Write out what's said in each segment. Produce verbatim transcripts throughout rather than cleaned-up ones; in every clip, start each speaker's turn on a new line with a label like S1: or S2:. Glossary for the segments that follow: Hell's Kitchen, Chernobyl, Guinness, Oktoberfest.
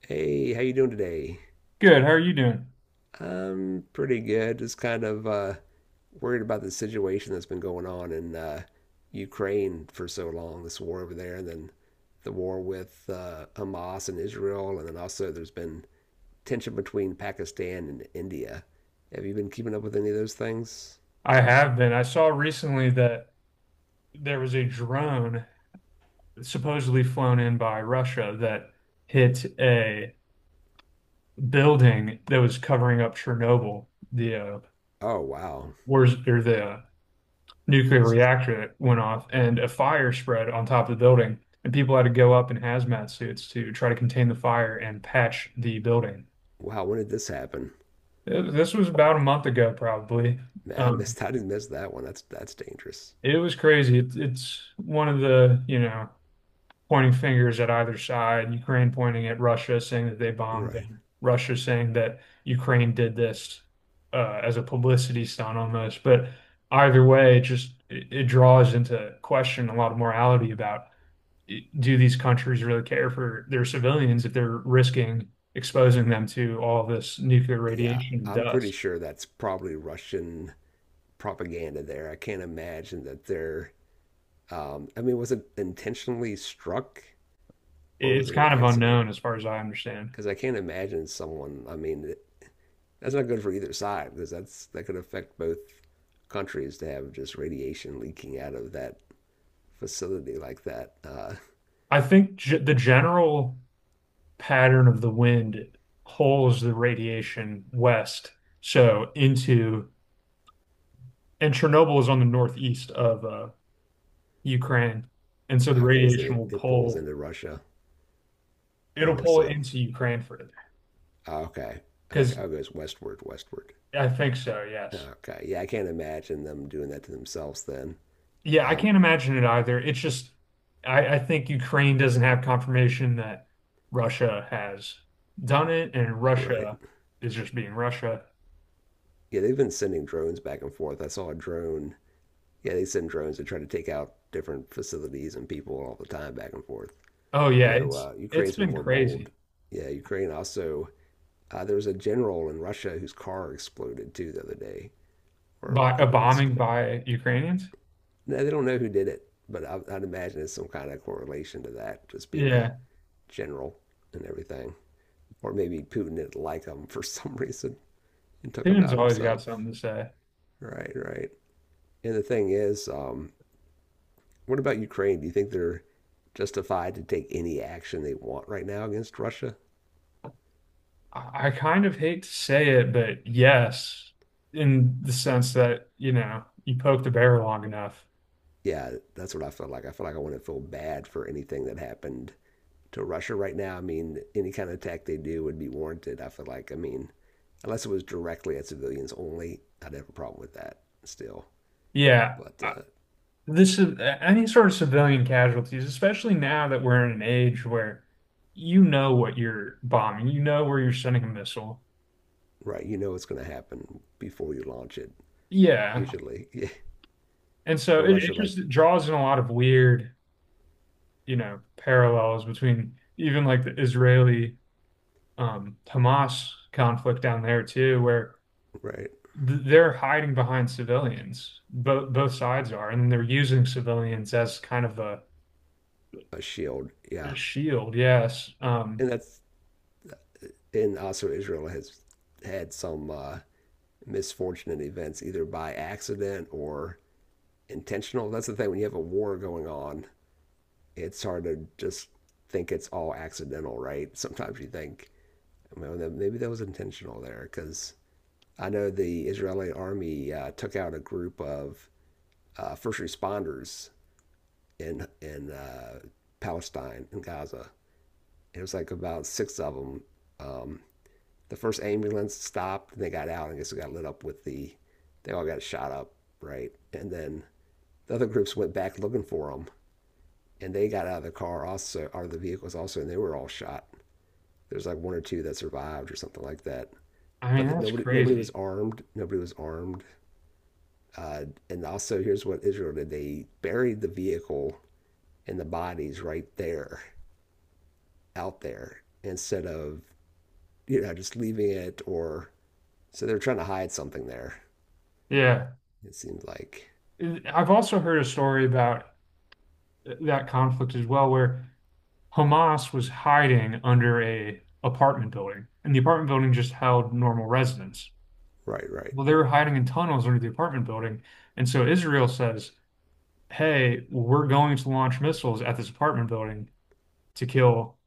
S1: Hey, how you doing today?
S2: Good. How are you doing?
S1: I'm pretty good. Just kind of uh, worried about the situation that's been going on in uh, Ukraine for so long, this war over there, and then the war with uh, Hamas and Israel, and then also there's been tension between Pakistan and India. Have you been keeping up with any of those things?
S2: I have been. I saw recently that there was a drone supposedly flown in by Russia that hit a building that was covering up Chernobyl, the uh,
S1: Oh, wow.
S2: wars or the uh, nuclear
S1: S-
S2: reactor that went off, and a fire spread on top of the building, and people had to go up in hazmat suits to try to contain the fire and patch the building.
S1: Wow, when did this happen?
S2: Th- This was about a month ago, probably.
S1: Man, I
S2: Um,
S1: missed, I didn't miss that one. That's that's dangerous.
S2: it was crazy. It's it's one of the, you know. pointing fingers at either side, Ukraine pointing at Russia, saying that they bombed
S1: Right,
S2: them, Russia saying that Ukraine did this uh, as a publicity stunt almost. But either way, it just it, it draws into question a lot of morality about do these countries really care for their civilians if they're risking
S1: right.
S2: exposing them to all this nuclear
S1: Yeah,
S2: radiation and
S1: I'm pretty
S2: dust?
S1: sure that's probably Russian propaganda there. I can't imagine that they're. Um, I mean, was it intentionally struck or was
S2: It's
S1: it an
S2: kind of
S1: accident?
S2: unknown as far as I understand.
S1: Because I can't imagine someone. I mean, that's not good for either side because that's that could affect both countries to have just radiation leaking out of that facility like that. Uh,
S2: I think ge- the general pattern of the wind pulls the radiation west, so into, and Chernobyl is on the northeast of uh, Ukraine, and so the
S1: okay, so
S2: radiation
S1: it,
S2: will
S1: it pulls
S2: pull,
S1: into Russia
S2: it'll
S1: more
S2: pull it
S1: so.
S2: into Ukraine further.
S1: Okay, okay,
S2: Because
S1: oh, it goes westward, westward.
S2: I think so, yes.
S1: Okay, yeah, I can't imagine them doing that to themselves then.
S2: Yeah, I
S1: Um,
S2: can't imagine it either. It's just, I, I think Ukraine doesn't have confirmation that Russia has done it, and Russia
S1: right.
S2: is just being Russia.
S1: Yeah, they've been sending drones back and forth. I saw a drone. Yeah, they send drones to try to take out different facilities and people all the time back and forth.
S2: Oh
S1: I
S2: yeah,
S1: know
S2: it's
S1: uh,
S2: it's
S1: Ukraine's been
S2: been
S1: more bold.
S2: crazy.
S1: Yeah, Ukraine also. Uh, there was a general in Russia whose car exploded too the other day, or a
S2: By a
S1: couple weeks
S2: bombing
S1: ago.
S2: by Ukrainians?
S1: Now they don't know who did it, but I, I'd imagine it's some kind of correlation to that, just being a
S2: Yeah,
S1: general and everything. Or maybe Putin didn't like him for some reason and took him
S2: Tatum's
S1: out
S2: always got
S1: himself.
S2: something to say.
S1: Right, right. And the thing is, um, what about Ukraine? Do you think they're justified to take any action they want right now against Russia?
S2: I, I kind of hate to say it, but yes, in the sense that, you know, you poke the bear long enough.
S1: Yeah, that's what I feel like. I feel like I want to feel bad for anything that happened to Russia right now. I mean, any kind of attack they do would be warranted. I feel like, I mean, unless it was directly at civilians only, I'd have a problem with that still.
S2: Yeah,
S1: But,
S2: I-
S1: uh,
S2: this is any sort of civilian casualties, especially now that we're in an age where you know what you're bombing, you know where you're sending a missile.
S1: right, you know what's going to happen before you launch it,
S2: Yeah.
S1: usually. Yeah.
S2: And so
S1: But
S2: it, it
S1: Russia, like,
S2: just draws in a lot of weird, you know, parallels between even like the Israeli um, Hamas conflict down there too, where
S1: right,
S2: th- they're hiding behind civilians. Both both sides are, and they're using civilians as kind of a,
S1: a shield.
S2: a
S1: Yeah.
S2: shield. Yes. Um,
S1: And that's, and also Israel has had some, uh, misfortunate events, either by accident or intentional. That's the thing when you have a war going on, it's hard to just think it's all accidental, right? Sometimes you think, well, maybe that was intentional there because I know the Israeli army uh, took out a group of uh, first responders in in uh, Palestine in Gaza. It was like about six of them. Um, the first ambulance stopped and they got out. And I guess it got lit up with the. They all got shot up, right? And then the other groups went back looking for them, and they got out of the car also, out of the vehicles also, and they were all shot. There's like one or two that survived or something like that.
S2: I mean,
S1: But
S2: that's
S1: nobody, nobody was
S2: crazy.
S1: armed. Nobody was armed. Uh, and also, here's what Israel did: they buried the vehicle and the bodies right there, out there, instead of you know just leaving it or so they're trying to hide something there.
S2: Yeah.
S1: It seems like
S2: I've also heard a story about uh, that conflict as well, where Hamas was hiding under a apartment building, and the apartment building just held normal residents.
S1: right, right,
S2: Well, they were hiding in tunnels under the apartment building, and so Israel says, "Hey, we're going to launch missiles at this apartment building to kill,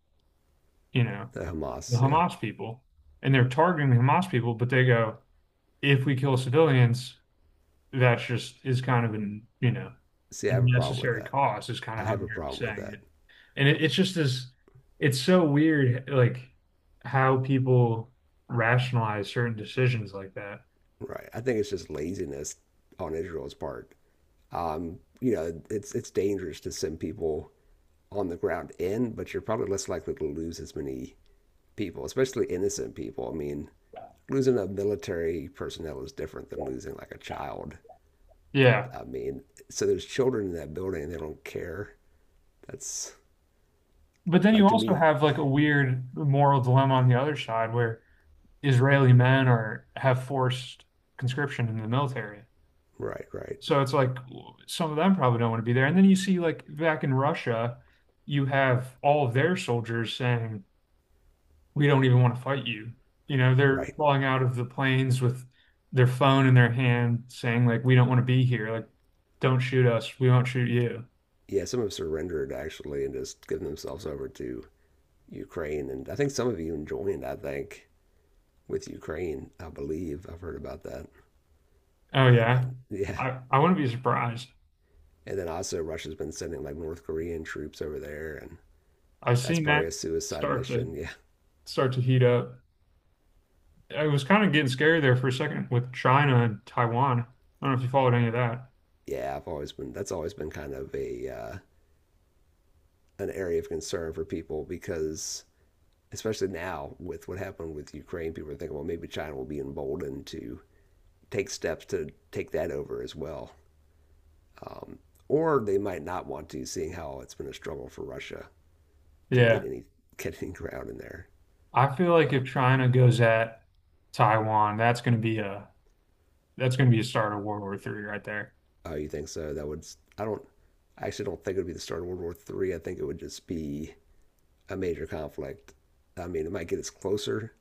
S2: you know,
S1: the
S2: the
S1: Hamas. Yeah.
S2: Hamas people, and they're targeting the Hamas people, but they go, if we kill civilians, that's just is kind of an, you know,
S1: See,
S2: a
S1: I have a problem with
S2: necessary
S1: that.
S2: cost, is kind of
S1: I
S2: how
S1: have a
S2: they're
S1: problem with
S2: saying
S1: that.
S2: it. And it, it's just this, it's so weird, like how people rationalize certain decisions like that.
S1: Right. I think it's just laziness on Israel's part. Um, you know, it's it's dangerous to send people on the ground in, but you're probably less likely to lose as many people, especially innocent people. I mean, losing a military personnel is different than losing like a child.
S2: Yeah.
S1: I mean, so there's children in that building and they don't care. That's
S2: But then you
S1: like to
S2: also
S1: me,
S2: have like a weird moral dilemma on the other side where Israeli men are have forced conscription in the military.
S1: right, right,
S2: So it's like some of them probably don't want to be there. And then you see like back in Russia, you have all of their soldiers saying, "We don't even want to fight you." You know, they're
S1: right.
S2: falling out of the planes with their phone in their hand saying like, "We don't want to be here. Like, don't shoot us. We won't shoot you."
S1: Yeah, some have surrendered actually and just given themselves over to Ukraine, and I think some have even joined. I think with Ukraine, I believe. I've heard about that.
S2: Oh
S1: And
S2: yeah.
S1: then, yeah.
S2: I I wouldn't be surprised.
S1: And then also, Russia's been sending like North Korean troops over there, and
S2: I've
S1: that's
S2: seen that
S1: probably a suicide
S2: start to
S1: mission. Yeah.
S2: start to heat up. It was kind of getting scary there for a second with China and Taiwan. I don't know if you followed any of that.
S1: Yeah. I've always been, that's always been kind of a, uh, an area of concern for people because, especially now with what happened with Ukraine, people are thinking, well, maybe China will be emboldened to take steps to take that over as well. Um, or they might not want to, seeing how it's been a struggle for Russia to get
S2: Yeah.
S1: any get any ground in there.
S2: I feel like if China goes at Taiwan, that's going to be a that's going to be a start of World War three right there.
S1: Oh, you think so? That would I I don't I actually don't think it would be the start of World War three. I think it would just be a major conflict. I mean, it might get us closer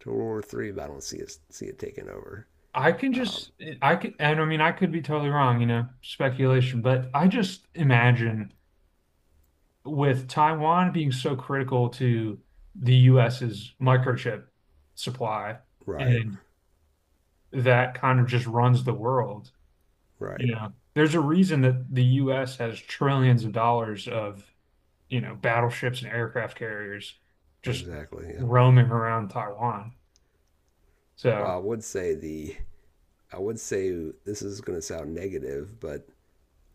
S1: to World War three, but I don't see it see it taking over.
S2: I can
S1: Um,
S2: just I can and I mean I could be totally wrong, you know, speculation, but I just imagine with Taiwan being so critical to the US's microchip supply
S1: right,
S2: and that kind of just runs the world,
S1: right,
S2: you know. There's a reason that the U S has trillions of dollars of you know, battleships and aircraft carriers just
S1: exactly. Yeah.
S2: roaming around Taiwan.
S1: Well,
S2: So
S1: I would say the I would say this is going to sound negative, but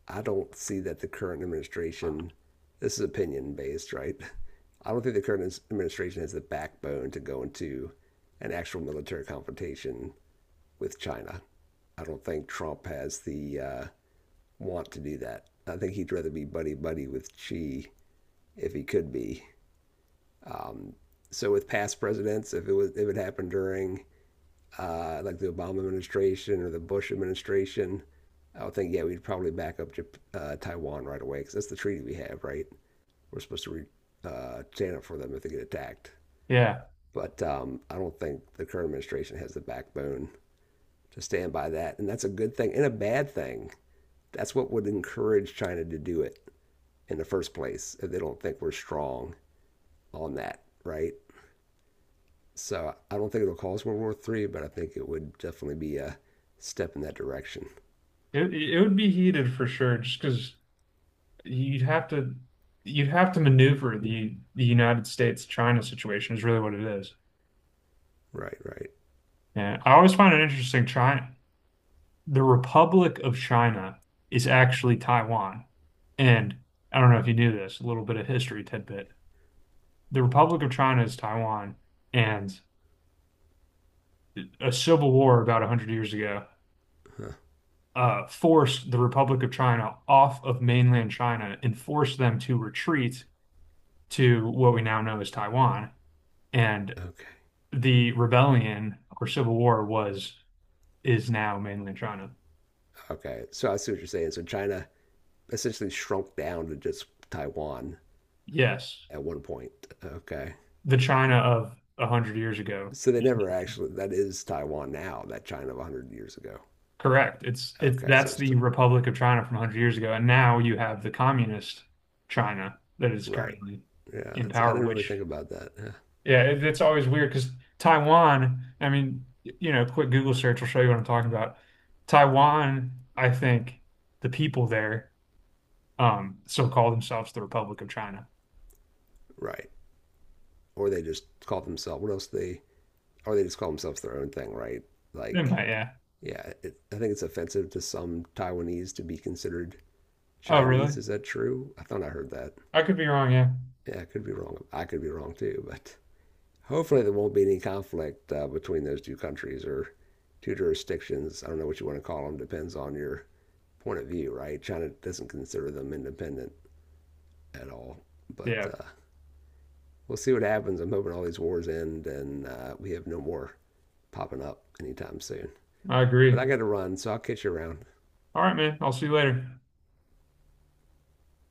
S1: I don't see that the current administration. This is opinion based, right? I don't think the current administration has the backbone to go into an actual military confrontation with China. I don't think Trump has the uh, want to do that. I think he'd rather be buddy buddy with Xi if he could be. So with past presidents, if it was if it happened during uh, like the Obama administration or the Bush administration, I would think yeah we'd probably back up uh, Taiwan right away because that's the treaty we have, right? We're supposed to re- uh, stand up for them if they get attacked.
S2: yeah,
S1: But um, I don't think the current administration has the backbone to stand by that, and that's a good thing and a bad thing. That's what would encourage China to do it in the first place if they don't think we're strong on that, right? So I don't think it'll cause World War three, but I think it would definitely be a step in that direction.
S2: it it would be heated for sure, just because you'd have to you'd have to maneuver the the United States China situation is really what it is.
S1: Right, right.
S2: Yeah, I always find it interesting. China, the Republic of China is actually Taiwan, and I don't know if you knew this, a little bit of history tidbit. The Republic of China is Taiwan, and a civil war about one hundred years ago uh, forced the Republic of China off of mainland China and forced them to retreat to what we now know as Taiwan. And
S1: Okay.
S2: the rebellion or civil war was is now mainland China.
S1: Okay. So I see what you're saying. So China essentially shrunk down to just Taiwan
S2: Yes,
S1: at one point. Okay.
S2: the China of a hundred years ago.
S1: So they never actually, that is Taiwan now, that China of one hundred years ago.
S2: Correct. It's it's
S1: Okay. So
S2: that's
S1: it's,
S2: the Republic of China from a hundred years ago, and now you have the communist China that is
S1: right.
S2: currently
S1: Yeah.
S2: in
S1: That's, I
S2: power,
S1: didn't really
S2: which
S1: think about that. Huh.
S2: yeah, it, it's always weird because Taiwan, I mean, y- you know, quick Google search will show you what I'm talking about. Taiwan, I think the people there um still call themselves the Republic of China.
S1: Right. or they just call themselves what else they or they just call themselves their own thing, right?
S2: They
S1: Like,
S2: might, yeah.
S1: yeah, it, I think it's offensive to some Taiwanese to be considered
S2: Oh,
S1: Chinese.
S2: really?
S1: Is that true? I thought I heard that.
S2: I could be wrong, yeah.
S1: Yeah, I could be wrong. I could be wrong too, but hopefully there won't be any conflict uh, between those two countries or two jurisdictions. I don't know what you want to call them. Depends on your point of view, right? China doesn't consider them independent at all, but
S2: Yeah,
S1: uh, we'll see what happens. I'm hoping all these wars end and uh, we have no more popping up anytime soon.
S2: I
S1: But
S2: agree.
S1: I got to run, so I'll catch you around.
S2: All right, man. I'll see you later.